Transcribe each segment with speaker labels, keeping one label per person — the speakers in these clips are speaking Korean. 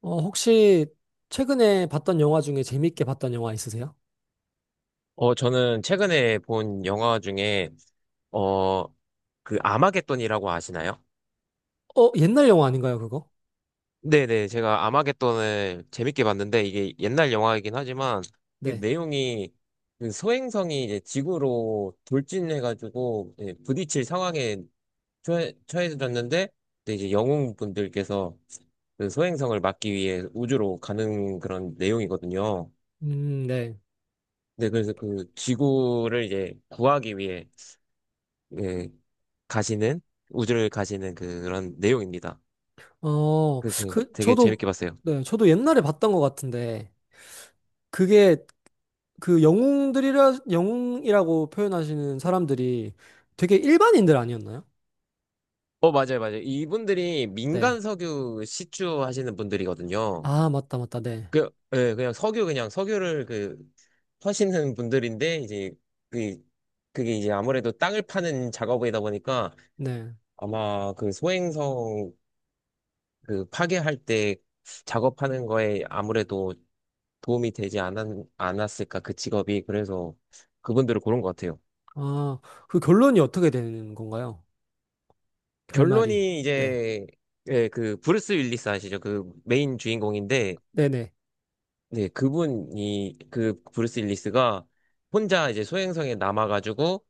Speaker 1: 혹시 최근에 봤던 영화 중에 재밌게 봤던 영화 있으세요?
Speaker 2: 저는 최근에 본 영화 중에, 어, 아마겟돈이라고 아시나요?
Speaker 1: 옛날 영화 아닌가요, 그거?
Speaker 2: 네네, 제가 아마겟돈을 재밌게 봤는데, 이게 옛날 영화이긴 하지만, 그
Speaker 1: 네.
Speaker 2: 내용이, 그 소행성이 이제 지구로 돌진해가지고, 이제 부딪힐 상황에 처해졌는데, 근데 이제 영웅분들께서 그 소행성을 막기 위해 우주로 가는 그런 내용이거든요.
Speaker 1: 네.
Speaker 2: 네, 그래서 그 지구를 이제 구하기 위해 예, 가시는 우주를 가시는 그런 내용입니다.
Speaker 1: 어,
Speaker 2: 그렇죠,
Speaker 1: 그,
Speaker 2: 되게
Speaker 1: 저도,
Speaker 2: 재밌게 봤어요.
Speaker 1: 네, 저도 옛날에 봤던 것 같은데, 그게 그 영웅이라고 표현하시는 사람들이 되게 일반인들 아니었나요?
Speaker 2: 어, 맞아요, 맞아요. 이분들이
Speaker 1: 네.
Speaker 2: 민간 석유 시추 하시는 분들이거든요.
Speaker 1: 아, 맞다, 맞다, 네.
Speaker 2: 그, 예, 그냥 석유를 그, 하시는 분들인데, 이제, 그, 그게 이제 아무래도 땅을 파는 작업이다 보니까
Speaker 1: 네.
Speaker 2: 아마 그 소행성 그 파괴할 때 작업하는 거에 아무래도 도움이 되지 않았, 않았을까, 그 직업이. 그래서 그분들을 고른 것 같아요.
Speaker 1: 아, 그 결론이 어떻게 되는 건가요? 결말이.
Speaker 2: 결론이
Speaker 1: 네.
Speaker 2: 이제 예, 그 브루스 윌리스 아시죠? 그 메인 주인공인데
Speaker 1: 네네.
Speaker 2: 네, 그분이 그 브루스 윌리스가 혼자 이제 소행성에 남아가지고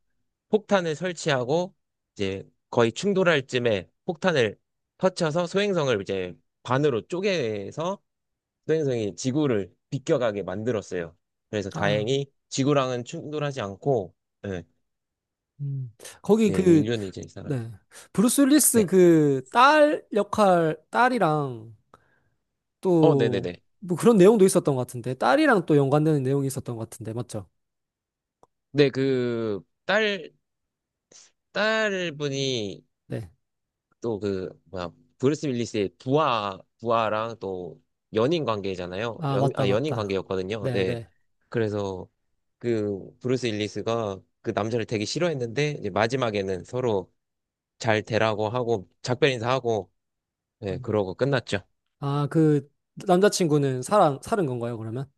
Speaker 2: 폭탄을 설치하고 이제 거의 충돌할 쯤에 폭탄을 터쳐서 소행성을 이제 반으로 쪼개서 소행성이 지구를 비껴가게 만들었어요. 그래서
Speaker 1: 아.
Speaker 2: 다행히 지구랑은 충돌하지 않고 예,
Speaker 1: 음. 거기
Speaker 2: 예,
Speaker 1: 그,
Speaker 2: 인류는 이제 이 사람.
Speaker 1: 네. 브루스 윌리스
Speaker 2: 네.
Speaker 1: 그 딸이랑
Speaker 2: 어,
Speaker 1: 또
Speaker 2: 네네네.
Speaker 1: 뭐 그런 내용도 있었던 것 같은데. 딸이랑 또 연관되는 내용이 있었던 것 같은데. 맞죠?
Speaker 2: 네, 딸분이
Speaker 1: 네.
Speaker 2: 또 그 뭐야 브루스 윌리스의 부하랑 또 연인 관계잖아요.
Speaker 1: 아,
Speaker 2: 연,
Speaker 1: 맞다,
Speaker 2: 아 연인
Speaker 1: 맞다.
Speaker 2: 관계였거든요.
Speaker 1: 네,
Speaker 2: 네.
Speaker 1: 네.
Speaker 2: 그래서 그 브루스 윌리스가 그 남자를 되게 싫어했는데 이제 마지막에는 서로 잘 되라고 하고 작별 인사하고 네,
Speaker 1: 음.
Speaker 2: 그러고 끝났죠.
Speaker 1: 아, 그 남자친구는 사는 건가요, 그러면?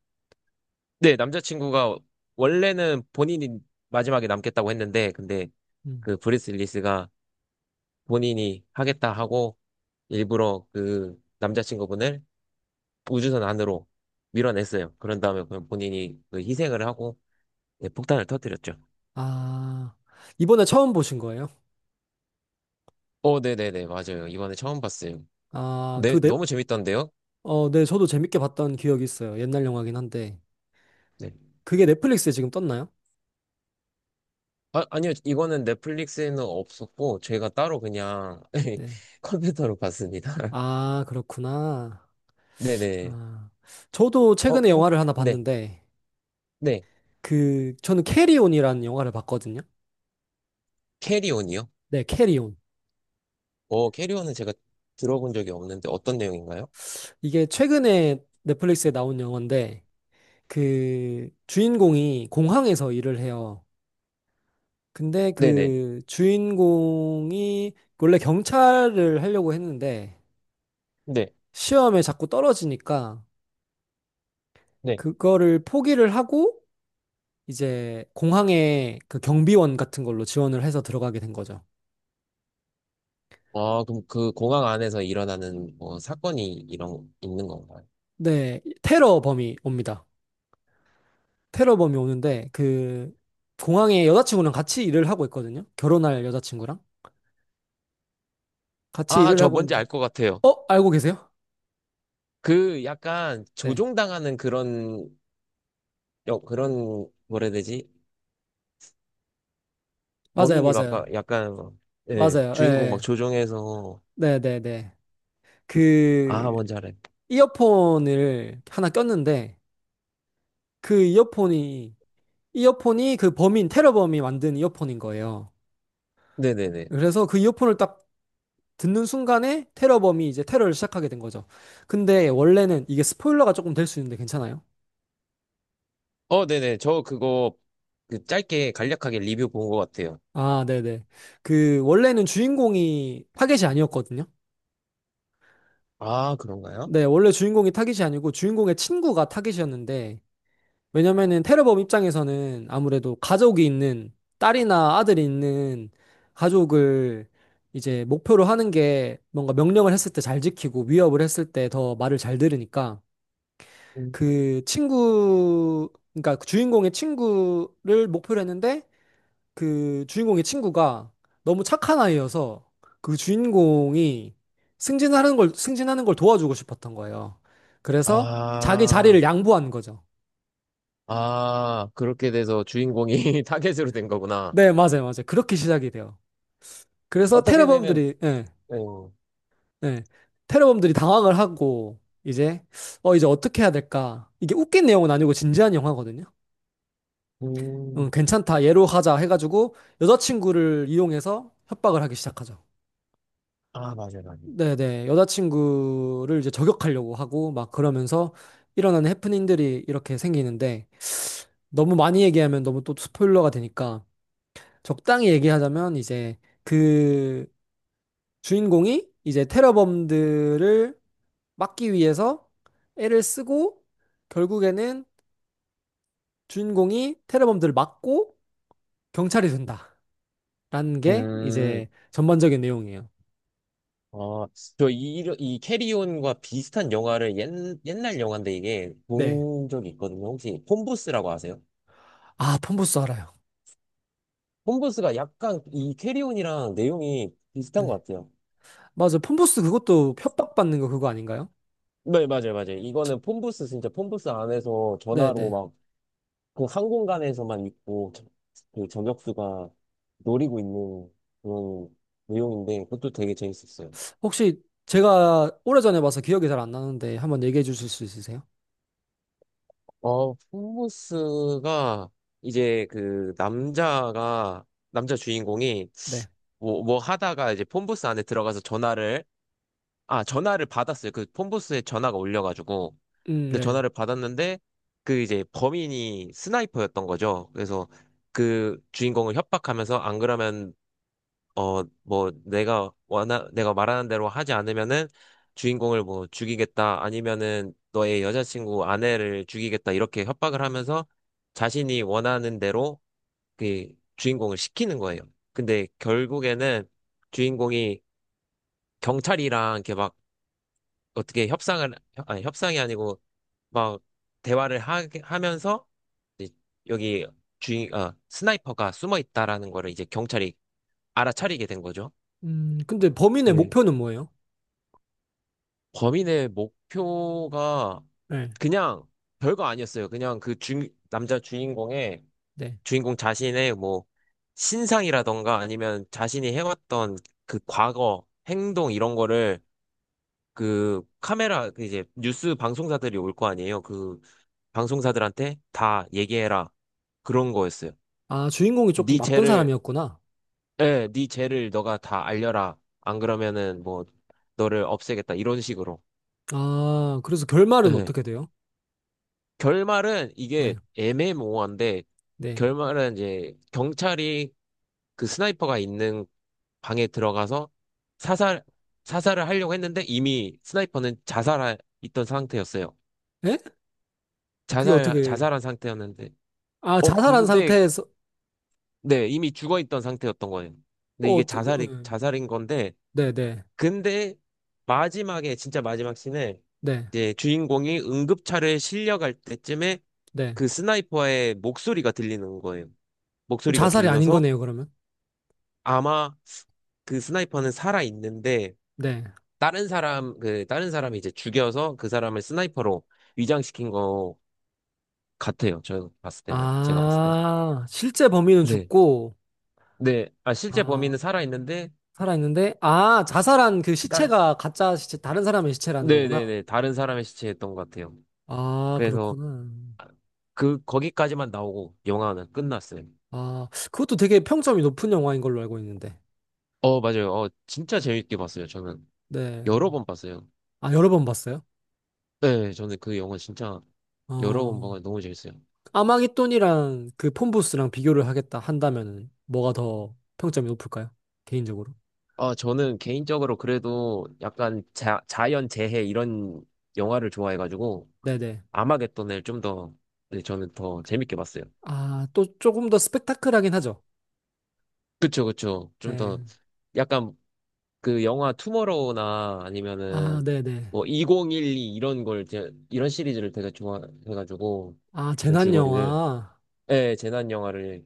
Speaker 2: 네, 남자친구가 원래는 본인이 마지막에 남겠다고 했는데 근데
Speaker 1: 음.
Speaker 2: 그 브루스 윌리스가 본인이 하겠다 하고 일부러 그 남자친구분을 우주선 안으로 밀어냈어요. 그런 다음에 그냥 본인이 그 희생을 하고 네, 폭탄을 터뜨렸죠.
Speaker 1: 아, 이번에 처음 보신 거예요?
Speaker 2: 어, 네네네, 맞아요. 이번에 처음 봤어요.
Speaker 1: 아,
Speaker 2: 네,
Speaker 1: 그 넷,
Speaker 2: 너무 재밌던데요?
Speaker 1: 어, 네, 저도 재밌게 봤던 기억이 있어요. 옛날 영화긴 한데.
Speaker 2: 네.
Speaker 1: 그게 넷플릭스에 지금 떴나요?
Speaker 2: 아, 아니요, 이거는 넷플릭스에는 없었고, 저희가 따로 그냥
Speaker 1: 네.
Speaker 2: 컴퓨터로 봤습니다.
Speaker 1: 아, 그렇구나.
Speaker 2: 네네.
Speaker 1: 아, 저도
Speaker 2: 어,
Speaker 1: 최근에
Speaker 2: 혹,
Speaker 1: 영화를 하나
Speaker 2: 네,
Speaker 1: 봤는데,
Speaker 2: 네.
Speaker 1: 저는 캐리온이라는 영화를 봤거든요.
Speaker 2: 캐리온이요?
Speaker 1: 네, 캐리온.
Speaker 2: 어, 캐리온은 제가 들어본 적이 없는데 어떤 내용인가요?
Speaker 1: 이게 최근에 넷플릭스에 나온 영화인데, 주인공이 공항에서 일을 해요. 근데
Speaker 2: 네네.
Speaker 1: 그 주인공이 원래 경찰을 하려고 했는데,
Speaker 2: 네,
Speaker 1: 시험에 자꾸 떨어지니까,
Speaker 2: 네.
Speaker 1: 그거를 포기를 하고, 이제 공항에 그 경비원 같은 걸로 지원을 해서 들어가게 된 거죠.
Speaker 2: 아, 그럼 그 공항 안에서 일어나는 뭐 사건이 이런, 있는 건가요?
Speaker 1: 네, 테러 범이 옵니다. 테러범이 오는데 그 공항에 여자친구랑 같이 일을 하고 있거든요. 결혼할 여자친구랑 같이
Speaker 2: 아,
Speaker 1: 일을
Speaker 2: 저
Speaker 1: 하고
Speaker 2: 뭔지 알
Speaker 1: 있는데
Speaker 2: 것 같아요.
Speaker 1: 어? 알고 계세요?
Speaker 2: 그 약간
Speaker 1: 네.
Speaker 2: 조종당하는 그런, 여, 그런, 뭐라 해야 되지?
Speaker 1: 맞아요. 맞아요.
Speaker 2: 약간, 예,
Speaker 1: 맞아요. 예.
Speaker 2: 주인공 막
Speaker 1: 예.
Speaker 2: 조종해서,
Speaker 1: 네, 네, 네.
Speaker 2: 아,
Speaker 1: 그
Speaker 2: 뭔지 알아요.
Speaker 1: 이어폰을 하나 꼈는데 그 이어폰이 이어폰이 그 범인 테러범이 만든 이어폰인 거예요.
Speaker 2: 네네네.
Speaker 1: 그래서 그 이어폰을 딱 듣는 순간에 테러범이 이제 테러를 시작하게 된 거죠. 근데 원래는 이게 스포일러가 조금 될 수 있는데 괜찮아요?
Speaker 2: 네네. 그 짧게 간략하게 리뷰 본 것 같아요.
Speaker 1: 아, 네네. 원래는 주인공이 타겟이 아니었거든요.
Speaker 2: 아, 그런가요?
Speaker 1: 네, 원래 주인공이 타겟이 아니고 주인공의 친구가 타겟이었는데, 왜냐면은 테러범 입장에서는 아무래도 가족이 있는, 딸이나 아들이 있는 가족을 이제 목표로 하는 게 뭔가 명령을 했을 때 잘 지키고 위협을 했을 때 더 말을 잘 들으니까
Speaker 2: 음.
Speaker 1: 그러니까 그 주인공의 친구를 목표로 했는데, 그 주인공의 친구가 너무 착한 아이여서 그 주인공이 승진하는 걸 도와주고 싶었던 거예요. 그래서 자기
Speaker 2: 아,
Speaker 1: 자리를 양보한 거죠.
Speaker 2: 아, 그렇게 돼서 주인공이 타겟으로 된 거구나.
Speaker 1: 네, 맞아요, 맞아요. 그렇게 시작이 돼요. 그래서
Speaker 2: 어떻게 되면,
Speaker 1: 테러범들이, 예,
Speaker 2: 예.
Speaker 1: 예, 테러범들이 당황을 하고, 이제 어떻게 해야 될까. 이게 웃긴 내용은 아니고 진지한 영화거든요.
Speaker 2: 음,
Speaker 1: 괜찮다. 얘로 하자 해가지고 여자친구를 이용해서 협박을 하기 시작하죠.
Speaker 2: 아, 맞아요, 맞아요.
Speaker 1: 네네. 여자친구를 이제 저격하려고 하고 막 그러면서 일어나는 해프닝들이 이렇게 생기는데 너무 많이 얘기하면 너무 또 스포일러가 되니까 적당히 얘기하자면 그 주인공이 이제 테러범들을 막기 위해서 애를 쓰고 결국에는 주인공이 테러범들을 막고 경찰이 된다라는 게
Speaker 2: 음,
Speaker 1: 이제 전반적인 내용이에요.
Speaker 2: 아, 이 캐리온과 비슷한 영화를 옛날 영화인데 이게
Speaker 1: 네.
Speaker 2: 본 적이 있거든요. 혹시 폰부스라고 아세요?
Speaker 1: 아, 폰부스 알아요.
Speaker 2: 폰부스가 약간 이 캐리온이랑 내용이 비슷한 것
Speaker 1: 네.
Speaker 2: 같아요.
Speaker 1: 맞아. 폰부스 그것도 협박받는 거 그거 아닌가요?
Speaker 2: 네, 맞아요, 맞아요. 진짜 폰부스 안에서 전화로
Speaker 1: 네네.
Speaker 2: 막 그 항공간에서만 있고 저- 그 저격수가 노리고 있는 그런 내용인데 그것도 되게 재밌었어요.
Speaker 1: 혹시 제가 오래전에 봐서 기억이 잘 안 나는데 한번 얘기해 주실 수 있으세요?
Speaker 2: 어, 홈모스가 이제 남자 주인공이
Speaker 1: 네.
Speaker 2: 뭐 하다가 이제 폰부스 안에 들어가서 전화를 받았어요. 그 폰부스에 전화가 올려가지고 근데
Speaker 1: 네.
Speaker 2: 전화를 받았는데 그 이제 범인이 스나이퍼였던 거죠. 그래서 그 주인공을 협박하면서 안 그러면 어, 뭐, 내가 말하는 대로 하지 않으면은 주인공을 뭐 죽이겠다, 아니면은 너의 여자친구 아내를 죽이겠다, 이렇게 협박을 하면서 자신이 원하는 대로 그 주인공을 시키는 거예요. 근데 결국에는 주인공이 경찰이랑 이렇게 막 어떻게 협상을, 협- 아니, 협상이 아니고 막 하면서 이제 여기 스나이퍼가 숨어 있다라는 거를 이제 경찰이 알아차리게 된 거죠.
Speaker 1: 근데 범인의 목표는 뭐예요?
Speaker 2: 범인의 목표가
Speaker 1: 네.
Speaker 2: 그냥 별거 아니었어요. 남자 주인공의
Speaker 1: 네.
Speaker 2: 주인공 자신의 뭐 신상이라던가 아니면 자신이 해왔던 그 과거 행동 이런 거를 그 카메라 그 이제 뉴스 방송사들이 올 거 아니에요. 그 방송사들한테 다 얘기해라 그런 거였어요.
Speaker 1: 아, 주인공이 조금
Speaker 2: 네
Speaker 1: 나쁜
Speaker 2: 죄를
Speaker 1: 사람이었구나.
Speaker 2: 예, 네 죄를 너가 다 알려라. 안 그러면은 뭐 너를 없애겠다 이런 식으로.
Speaker 1: 아, 그래서 결말은
Speaker 2: 예.
Speaker 1: 어떻게 돼요?
Speaker 2: 결말은 이게
Speaker 1: 네.
Speaker 2: 애매모호한데
Speaker 1: 네.
Speaker 2: 결말은 이제 경찰이 그 스나이퍼가 있는 방에 들어가서 사살 사살을 하려고 했는데 이미 스나이퍼는 자살하 있던 상태였어요.
Speaker 1: 에? 그게 어떻게,
Speaker 2: 자살한 상태였는데
Speaker 1: 아,
Speaker 2: 어
Speaker 1: 자살한
Speaker 2: 근데
Speaker 1: 상태에서,
Speaker 2: 네 이미 죽어 있던 상태였던 거예요. 근데 이게 자살이
Speaker 1: 예.
Speaker 2: 자살인 건데
Speaker 1: 네, 네.
Speaker 2: 근데 마지막 씬에
Speaker 1: 네.
Speaker 2: 이제 주인공이 응급차를 실려갈 때쯤에
Speaker 1: 네.
Speaker 2: 그 스나이퍼의 목소리가 들리는 거예요.
Speaker 1: 그럼
Speaker 2: 목소리가
Speaker 1: 자살이 아닌
Speaker 2: 들려서
Speaker 1: 거네요, 그러면?
Speaker 2: 아마 그 스나이퍼는 살아 있는데
Speaker 1: 네.
Speaker 2: 다른 사람 그 다른 사람이 이제 죽여서 그 사람을 스나이퍼로 위장시킨 거 같아요. 저 봤을 때는 제가 봤을 때.
Speaker 1: 아, 실제 범인은
Speaker 2: 네.
Speaker 1: 죽고,
Speaker 2: 네. 아 실제
Speaker 1: 아,
Speaker 2: 범인은 살아 있는데
Speaker 1: 살아있는데, 아, 자살한 그
Speaker 2: 딸
Speaker 1: 시체가 가짜 시체, 다른 사람의 시체라는
Speaker 2: 네, 네,
Speaker 1: 거구나.
Speaker 2: 네. 다른 사람의 시체였던 것 같아요.
Speaker 1: 아,
Speaker 2: 그래서
Speaker 1: 그렇구나.
Speaker 2: 그 거기까지만 나오고 영화는 끝났어요.
Speaker 1: 아, 그것도 되게 평점이 높은 영화인 걸로 알고 있는데.
Speaker 2: 어, 맞아요. 어, 진짜 재밌게 봤어요. 저는
Speaker 1: 네.
Speaker 2: 여러 번 봤어요.
Speaker 1: 아, 여러 번 봤어요?
Speaker 2: 네, 저는 그 영화 진짜 여러 번
Speaker 1: 어,
Speaker 2: 보고 너무 재밌어요.
Speaker 1: 아마겟돈이랑 그 폰부스랑 비교를 하겠다 한다면은 뭐가 더 평점이 높을까요? 개인적으로.
Speaker 2: 아, 저는 개인적으로 그래도 약간 자연 재해 이런 영화를 좋아해가지고
Speaker 1: 네네.
Speaker 2: 아마겟돈을 좀 더, 네, 저는 더 재밌게 봤어요.
Speaker 1: 아, 또 조금 더 스펙타클하긴 하죠.
Speaker 2: 그쵸, 그쵸. 좀 더
Speaker 1: 네.
Speaker 2: 약간 그 영화 투머로우나
Speaker 1: 아,
Speaker 2: 아니면은
Speaker 1: 네네.
Speaker 2: 뭐 2012 이런 걸, 제, 이런 시리즈를 되게 좋아해가지고
Speaker 1: 아,
Speaker 2: 이런
Speaker 1: 재난
Speaker 2: 줄거리를,
Speaker 1: 영화.
Speaker 2: 예, 재난 영화를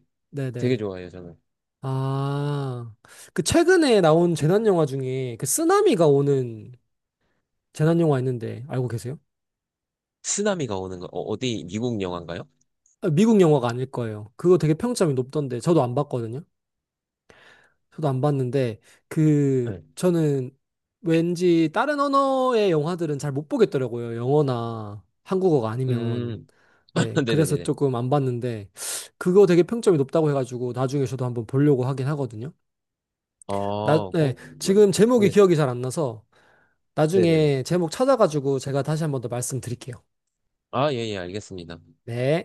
Speaker 2: 되게
Speaker 1: 네네.
Speaker 2: 좋아해요, 저는.
Speaker 1: 아, 그 최근에 나온 재난 영화 중에 그 쓰나미가 오는 재난 영화 있는데 알고 계세요?
Speaker 2: 쓰나미가 오는 거, 어, 어디 미국 영화인가요?
Speaker 1: 아, 미국 영화가 아닐 거예요. 그거 되게 평점이 높던데 저도 안 봤거든요. 저도 안 봤는데 그
Speaker 2: 네.
Speaker 1: 저는 왠지 다른 언어의 영화들은 잘 못 보겠더라고요. 영어나 한국어가 아니면.
Speaker 2: 음,
Speaker 1: 네, 그래서
Speaker 2: 네네네네.
Speaker 1: 조금 안 봤는데 그거 되게 평점이 높다고 해가지고 나중에 저도 한번 보려고 하긴 하거든요.
Speaker 2: 아, 어,
Speaker 1: 네, 지금 제목이
Speaker 2: 네.
Speaker 1: 기억이 잘 안 나서
Speaker 2: 네네네.
Speaker 1: 나중에 제목 찾아가지고 제가 다시 한 번 더 말씀드릴게요.
Speaker 2: 아, 예, 예, 알겠습니다.
Speaker 1: 네.